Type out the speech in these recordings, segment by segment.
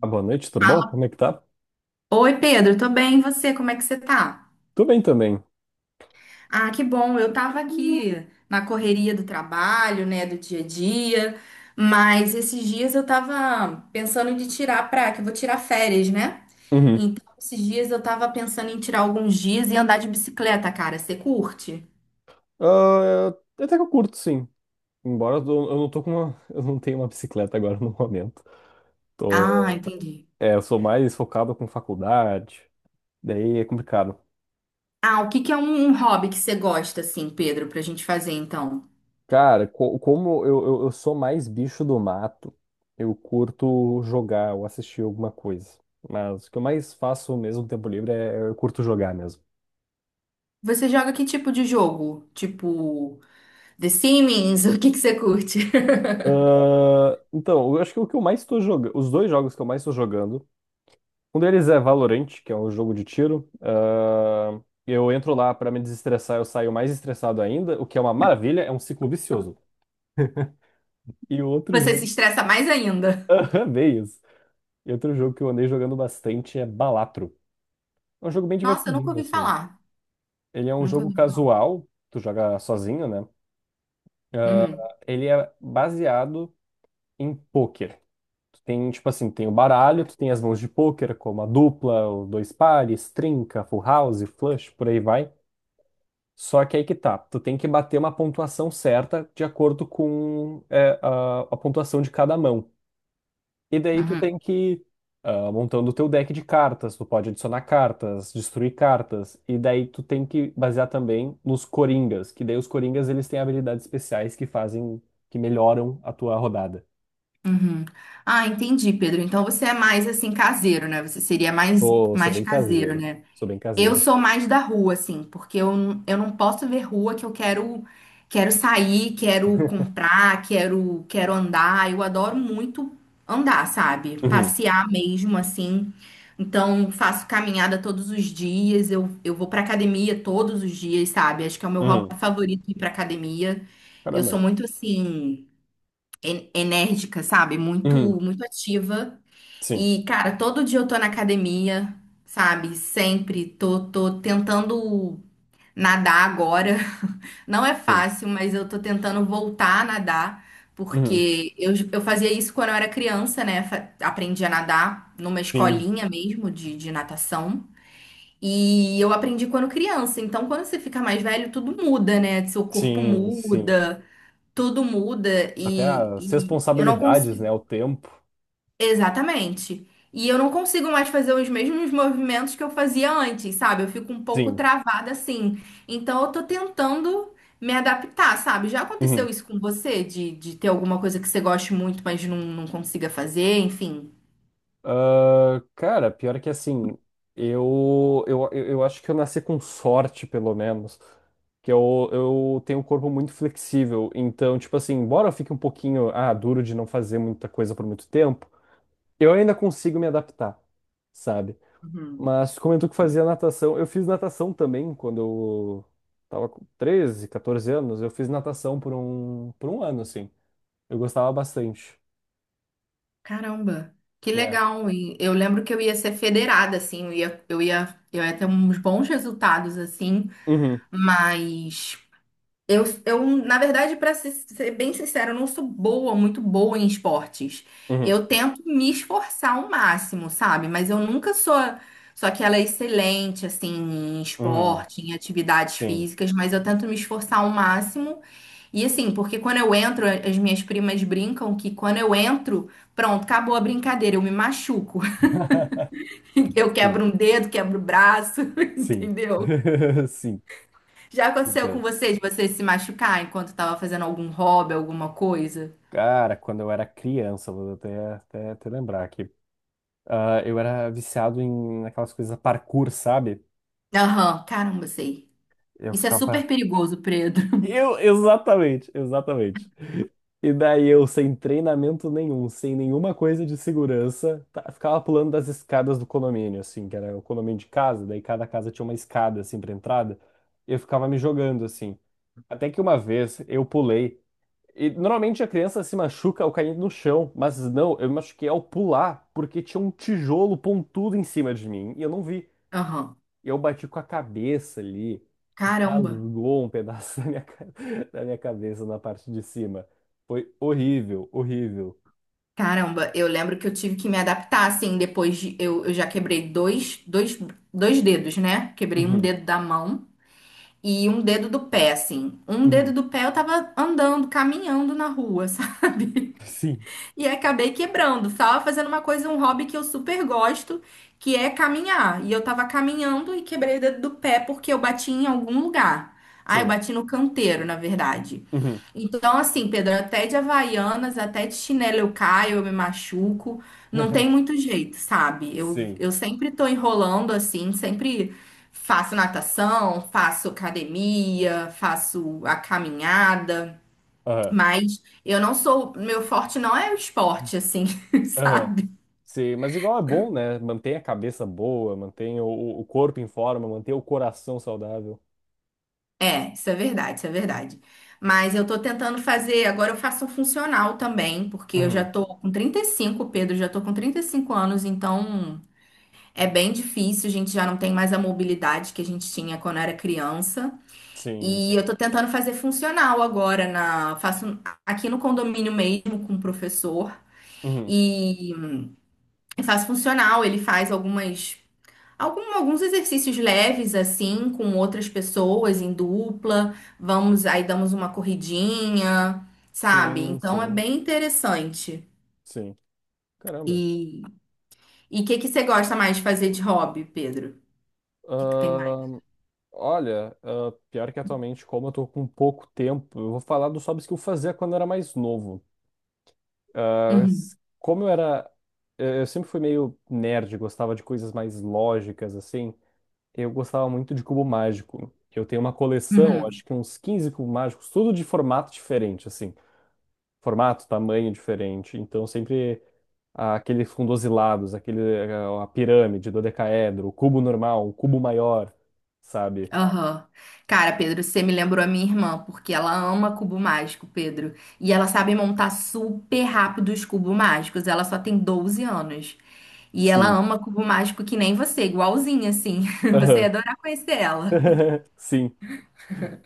Ah, boa noite, tudo bom? Fala. Como é que tá? Oi, Pedro, tô bem, e você? Como é que você tá? Tudo bem também. Ah, que bom, eu tava aqui na correria do trabalho, né, do dia a dia, mas esses dias eu tava pensando de tirar pra, que eu vou tirar férias, né? Uhum. Então, esses dias eu tava pensando em tirar alguns dias e andar de bicicleta, cara, você curte? Ah, até que eu curto, sim. Embora eu, eu não tô com uma, eu não tenho uma bicicleta agora no momento. Ah, Tô, entendi. é, eu sou mais focado com faculdade, daí é complicado. Ah, o que que é um hobby que você gosta, assim, Pedro, pra gente fazer, então? Cara, eu sou mais bicho do mato, eu curto jogar ou assistir alguma coisa. Mas o que eu mais faço mesmo no tempo livre é eu curto jogar mesmo. Você joga que tipo de jogo? Tipo, The Sims? O que que você curte? Ah, então, eu acho que o que eu mais tô jogando, os dois jogos que eu mais tô jogando. Um deles é Valorant, que é um jogo de tiro. Eu entro lá pra me desestressar, eu saio mais estressado ainda, o que é uma maravilha, é um ciclo vicioso. E o outro Você jogo. se estressa mais ainda. Aham, bem isso. E outro jogo que eu andei jogando bastante é Balatro. É um jogo bem Nossa, eu nunca divertidinho, ouvi assim. falar. Ele é um Nunca jogo ouvi falar. casual, tu joga sozinho, né? Uhum, Ele é baseado em pôquer. Tu tem, tipo assim, tem o baralho, tu tem as mãos de pôquer, como a dupla, o dois pares, trinca, full house, flush, por aí vai. Só que aí que tá, tu tem que bater uma pontuação certa de acordo com a pontuação de cada mão. E daí tu uhum, tem que ir montando o teu deck de cartas, tu pode adicionar cartas, destruir cartas, e daí tu tem que basear também nos coringas, que daí os coringas eles têm habilidades especiais que que melhoram a tua rodada. uhum. Ah, entendi, Pedro. Então você é mais assim caseiro, né? Você seria mais Pô, sou mais bem caseiro, caseiro, né? sou bem Eu caseiro. sou mais da rua, assim, porque eu não posso ver rua que eu quero sair, quero comprar, quero andar. Eu adoro muito andar, sabe? Uhum, Passear mesmo, assim. Então, faço caminhada todos os dias, eu vou pra academia todos os dias, sabe? Acho que é o meu hobby uhum, favorito ir pra academia. Eu caramba. sou muito, assim, enérgica, sabe? Muito, Uhum, muito ativa. sim, E, cara, todo dia eu tô na academia, sabe? Sempre tô tentando nadar agora. Não é sim, fácil, mas eu tô tentando voltar a nadar, uhum, porque eu fazia isso quando eu era criança, né? Aprendi a nadar numa sim, escolinha mesmo de natação. E eu aprendi quando criança. Então, quando você fica mais velho, tudo muda, né? Seu corpo sim, sim. muda, tudo muda. Até E, as e eu não responsabilidades, né? consigo. O tempo. Exatamente. E eu não consigo mais fazer os mesmos movimentos que eu fazia antes, sabe? Eu fico um pouco Sim. travada assim. Então eu tô tentando me adaptar, sabe? Já Uhum. aconteceu isso com você? De ter alguma coisa que você goste muito, mas não, não consiga fazer, enfim. Ah, cara, pior que assim, eu acho que eu nasci com sorte, pelo menos. Que eu tenho um corpo muito flexível. Então, tipo assim, embora eu fique um pouquinho, ah, duro de não fazer muita coisa por muito tempo, eu ainda consigo me adaptar, sabe? Mas comentou que fazia natação. Eu fiz natação também quando eu tava com 13, 14 anos. Eu fiz natação por um ano, assim. Eu gostava bastante. Caramba. Que É. legal. E eu lembro que eu ia ser federada, assim, eu ia ter uns bons resultados, assim, Uhum, mas. Eu, na verdade, para ser bem sincera, eu não sou boa, muito boa em esportes. uhum, Eu tento me esforçar ao máximo, sabe? Mas eu nunca sou aquela excelente, assim, em uhum. esporte, em atividades Sim. físicas, mas eu tento me esforçar ao máximo. E assim, porque quando eu entro, as minhas primas brincam que quando eu entro, pronto, acabou a brincadeira, eu me machuco. Eu Sim, quebro um dedo, quebro o braço, sim. entendeu? Sim. Já aconteceu com Entendo. você de você se machucar enquanto tava fazendo algum hobby, alguma coisa? Cara, quando eu era criança, vou até lembrar aqui. Ah, eu era viciado em aquelas coisas parkour, sabe? Aham, caramba, sei. Eu Isso é ficava. super perigoso, Pedro. Eu, exatamente, exatamente. E daí eu, sem treinamento nenhum, sem nenhuma coisa de segurança, ficava pulando das escadas do condomínio, assim, que era o condomínio de casa, daí cada casa tinha uma escada, assim, pra entrada. Eu ficava me jogando, assim. Até que uma vez eu pulei. E normalmente a criança se machuca ao cair no chão, mas não, eu me machuquei ao pular, porque tinha um tijolo pontudo em cima de mim e eu não vi. Aham, E eu bati com a cabeça ali e caramba. rasgou um pedaço da da minha cabeça na parte de cima. Foi horrível, horrível. Caramba, eu lembro que eu tive que me adaptar, assim, depois de... Eu já quebrei dois dedos, né? Quebrei um Uhum, dedo da mão e um dedo do pé, assim. Um dedo uhum. do pé eu tava andando, caminhando na rua, Sim, e acabei quebrando. Estava fazendo uma coisa, um hobby que eu super gosto, que é caminhar. E eu tava caminhando e quebrei o dedo do pé porque eu bati em algum lugar. Ah, eu sim. bati no canteiro, na verdade. Uhum. Então, assim, Pedro, até de Havaianas, até de chinelo eu caio, eu me machuco. Não tem muito jeito, sabe? Eu, Sim. eu sempre tô enrolando assim, sempre faço natação, faço academia, faço a caminhada. Aham. Mas eu não sou, meu forte não é o esporte, assim, Aham. sabe? Sim, mas igual é bom, né? Mantém a cabeça boa, mantém o corpo em forma, mantém o coração saudável. É, isso é verdade, isso é verdade. Mas eu tô tentando fazer, agora eu faço um funcional também, porque eu já Uhum. tô com 35 Pedro, já tô com 35 anos, então é bem difícil, a gente já não tem mais a mobilidade que a gente tinha quando era criança. Sim, E sim. eu tô tentando fazer funcional agora na, faço aqui no condomínio mesmo com o professor Uhum. e faço funcional, ele faz alguns exercícios leves, assim, com outras pessoas em dupla. Vamos, aí damos uma corridinha, sabe? Sim, Então é sim, bem interessante. sim. Caramba. E e o que que você gosta mais de fazer de hobby, Pedro? O que que tem mais? Ahn, olha, ah, pior que atualmente, como eu tô com pouco tempo, eu vou falar dos hobbies que eu fazia quando eu era mais novo. Ah, Uhum, s- como eu era. Eu sempre fui meio nerd, gostava de coisas mais lógicas, assim. Eu gostava muito de cubo mágico. Eu tenho uma coleção, uhum, acho que uns 15 cubos mágicos, tudo de formato diferente, assim. Formato, tamanho diferente. Então, sempre aqueles a pirâmide, dodecaedro, o cubo normal, o cubo maior, sabe? aham. Cara, Pedro, você me lembrou a minha irmã, porque ela ama cubo mágico, Pedro. E ela sabe montar super rápido os cubos mágicos. Ela só tem 12 anos. E ela Sim. ama cubo mágico que nem você, igualzinha, assim. Você ia Aham. adorar conhecer ela. Sim.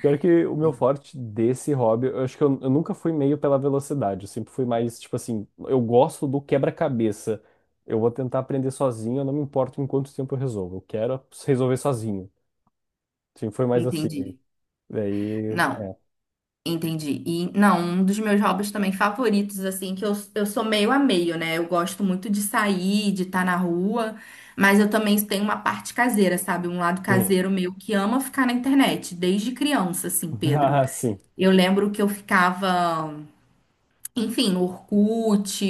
Pior que o meu forte desse hobby, eu acho que eu nunca fui meio pela velocidade. Eu sempre fui mais, tipo assim, eu gosto do quebra-cabeça. Eu vou tentar aprender sozinho, eu não me importo em quanto tempo eu resolvo. Eu quero resolver sozinho. Sempre foi mais assim. Entendi. Daí. Não, entendi. E não, um dos meus hobbies também favoritos, assim, que eu sou meio a meio, né? Eu gosto muito de sair, de estar na rua, mas eu também tenho uma parte caseira, sabe? Um lado Uhum. caseiro meu que ama ficar na internet, desde criança, assim, Pedro. Ah, sim. Eu lembro que eu ficava, enfim, no Orkut,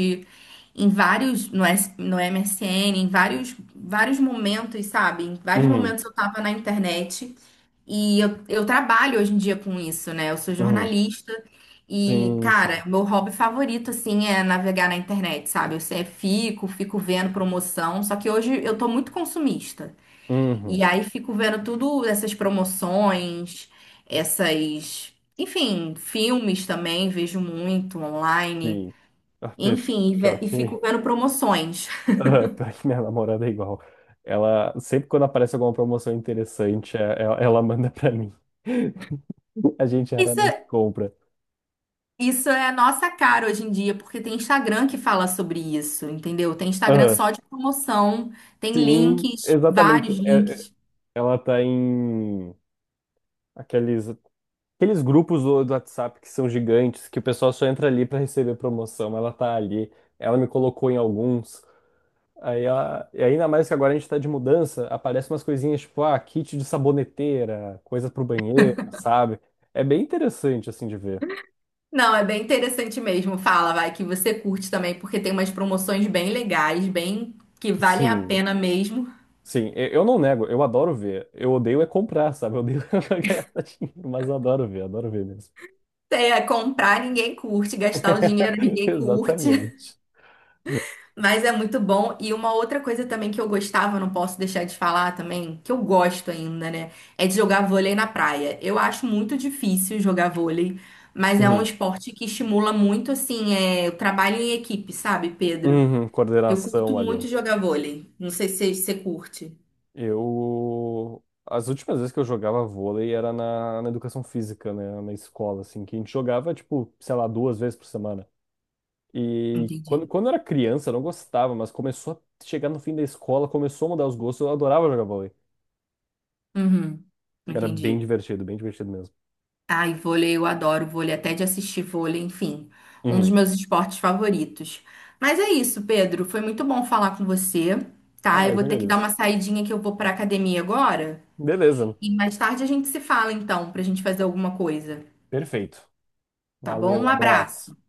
em vários, no, S, no MSN, em vários momentos, sabe? Em vários Uhum. momentos eu tava na internet e eu trabalho hoje em dia com isso, né? Eu sou Uhum. jornalista e, Sim, cara, sim. meu hobby favorito, assim, é navegar na internet, sabe? Eu sempre fico vendo promoção, só que hoje eu tô muito consumista. Uhum. E aí fico vendo tudo essas promoções, essas... Enfim, filmes também vejo muito online. Sim. Enfim, e, ve- Pior e que. fico vendo promoções. Ah, pior que minha namorada é igual. Sempre quando aparece alguma promoção interessante, ela manda pra mim. A gente Isso, raramente compra. isso é a nossa cara hoje em dia, porque tem Instagram que fala sobre isso, entendeu? Tem Instagram Aham. só de promoção, tem Sim, links, exatamente. vários links. Ela tá em aqueles, aqueles grupos do WhatsApp que são gigantes, que o pessoal só entra ali pra receber promoção. Ela tá ali. Ela me colocou em alguns. E ainda mais que agora a gente tá de mudança, aparecem umas coisinhas tipo, ah, kit de saboneteira, coisa pro banheiro, sabe? É bem interessante assim de ver. Não, é bem interessante mesmo. Fala, vai, que você curte também, porque tem umas promoções bem legais, bem que valem a Sim. pena mesmo. Sim, eu não nego, eu adoro ver. Eu odeio é comprar, sabe? Eu odeio ganhar dinheiro, mas eu adoro ver mesmo. É, comprar ninguém curte, gastar o dinheiro ninguém curte. Exatamente. Mas é muito bom. E uma outra coisa também que eu gostava, não posso deixar de falar também, que eu gosto ainda, né? É de jogar vôlei na praia. Eu acho muito difícil jogar vôlei, mas é um Uhum. esporte que estimula muito, assim, o trabalho em equipe, sabe, Pedro? Uhum, Eu curto coordenação ali. muito jogar vôlei. Não sei se você curte. Eu. As últimas vezes que eu jogava vôlei era na, na educação física, né? Na escola, assim, que a gente jogava, tipo, sei lá, duas vezes por semana. E Entendi. quando eu era criança, eu não gostava, mas começou a chegar no fim da escola, começou a mudar os gostos, eu adorava jogar vôlei. Uhum. Era Entendi. Bem divertido mesmo. Ai, vôlei, eu adoro vôlei, até de assistir vôlei, enfim, um dos Uhum. meus esportes favoritos. Mas é isso, Pedro, foi muito bom falar com você, tá? Ah, Eu eu que vou ter que dar agradeço. uma saidinha que eu vou pra academia agora Beleza, e mais tarde a gente se fala então, pra gente fazer alguma coisa, perfeito. tá bom? Valeu, Um abraço. abraço.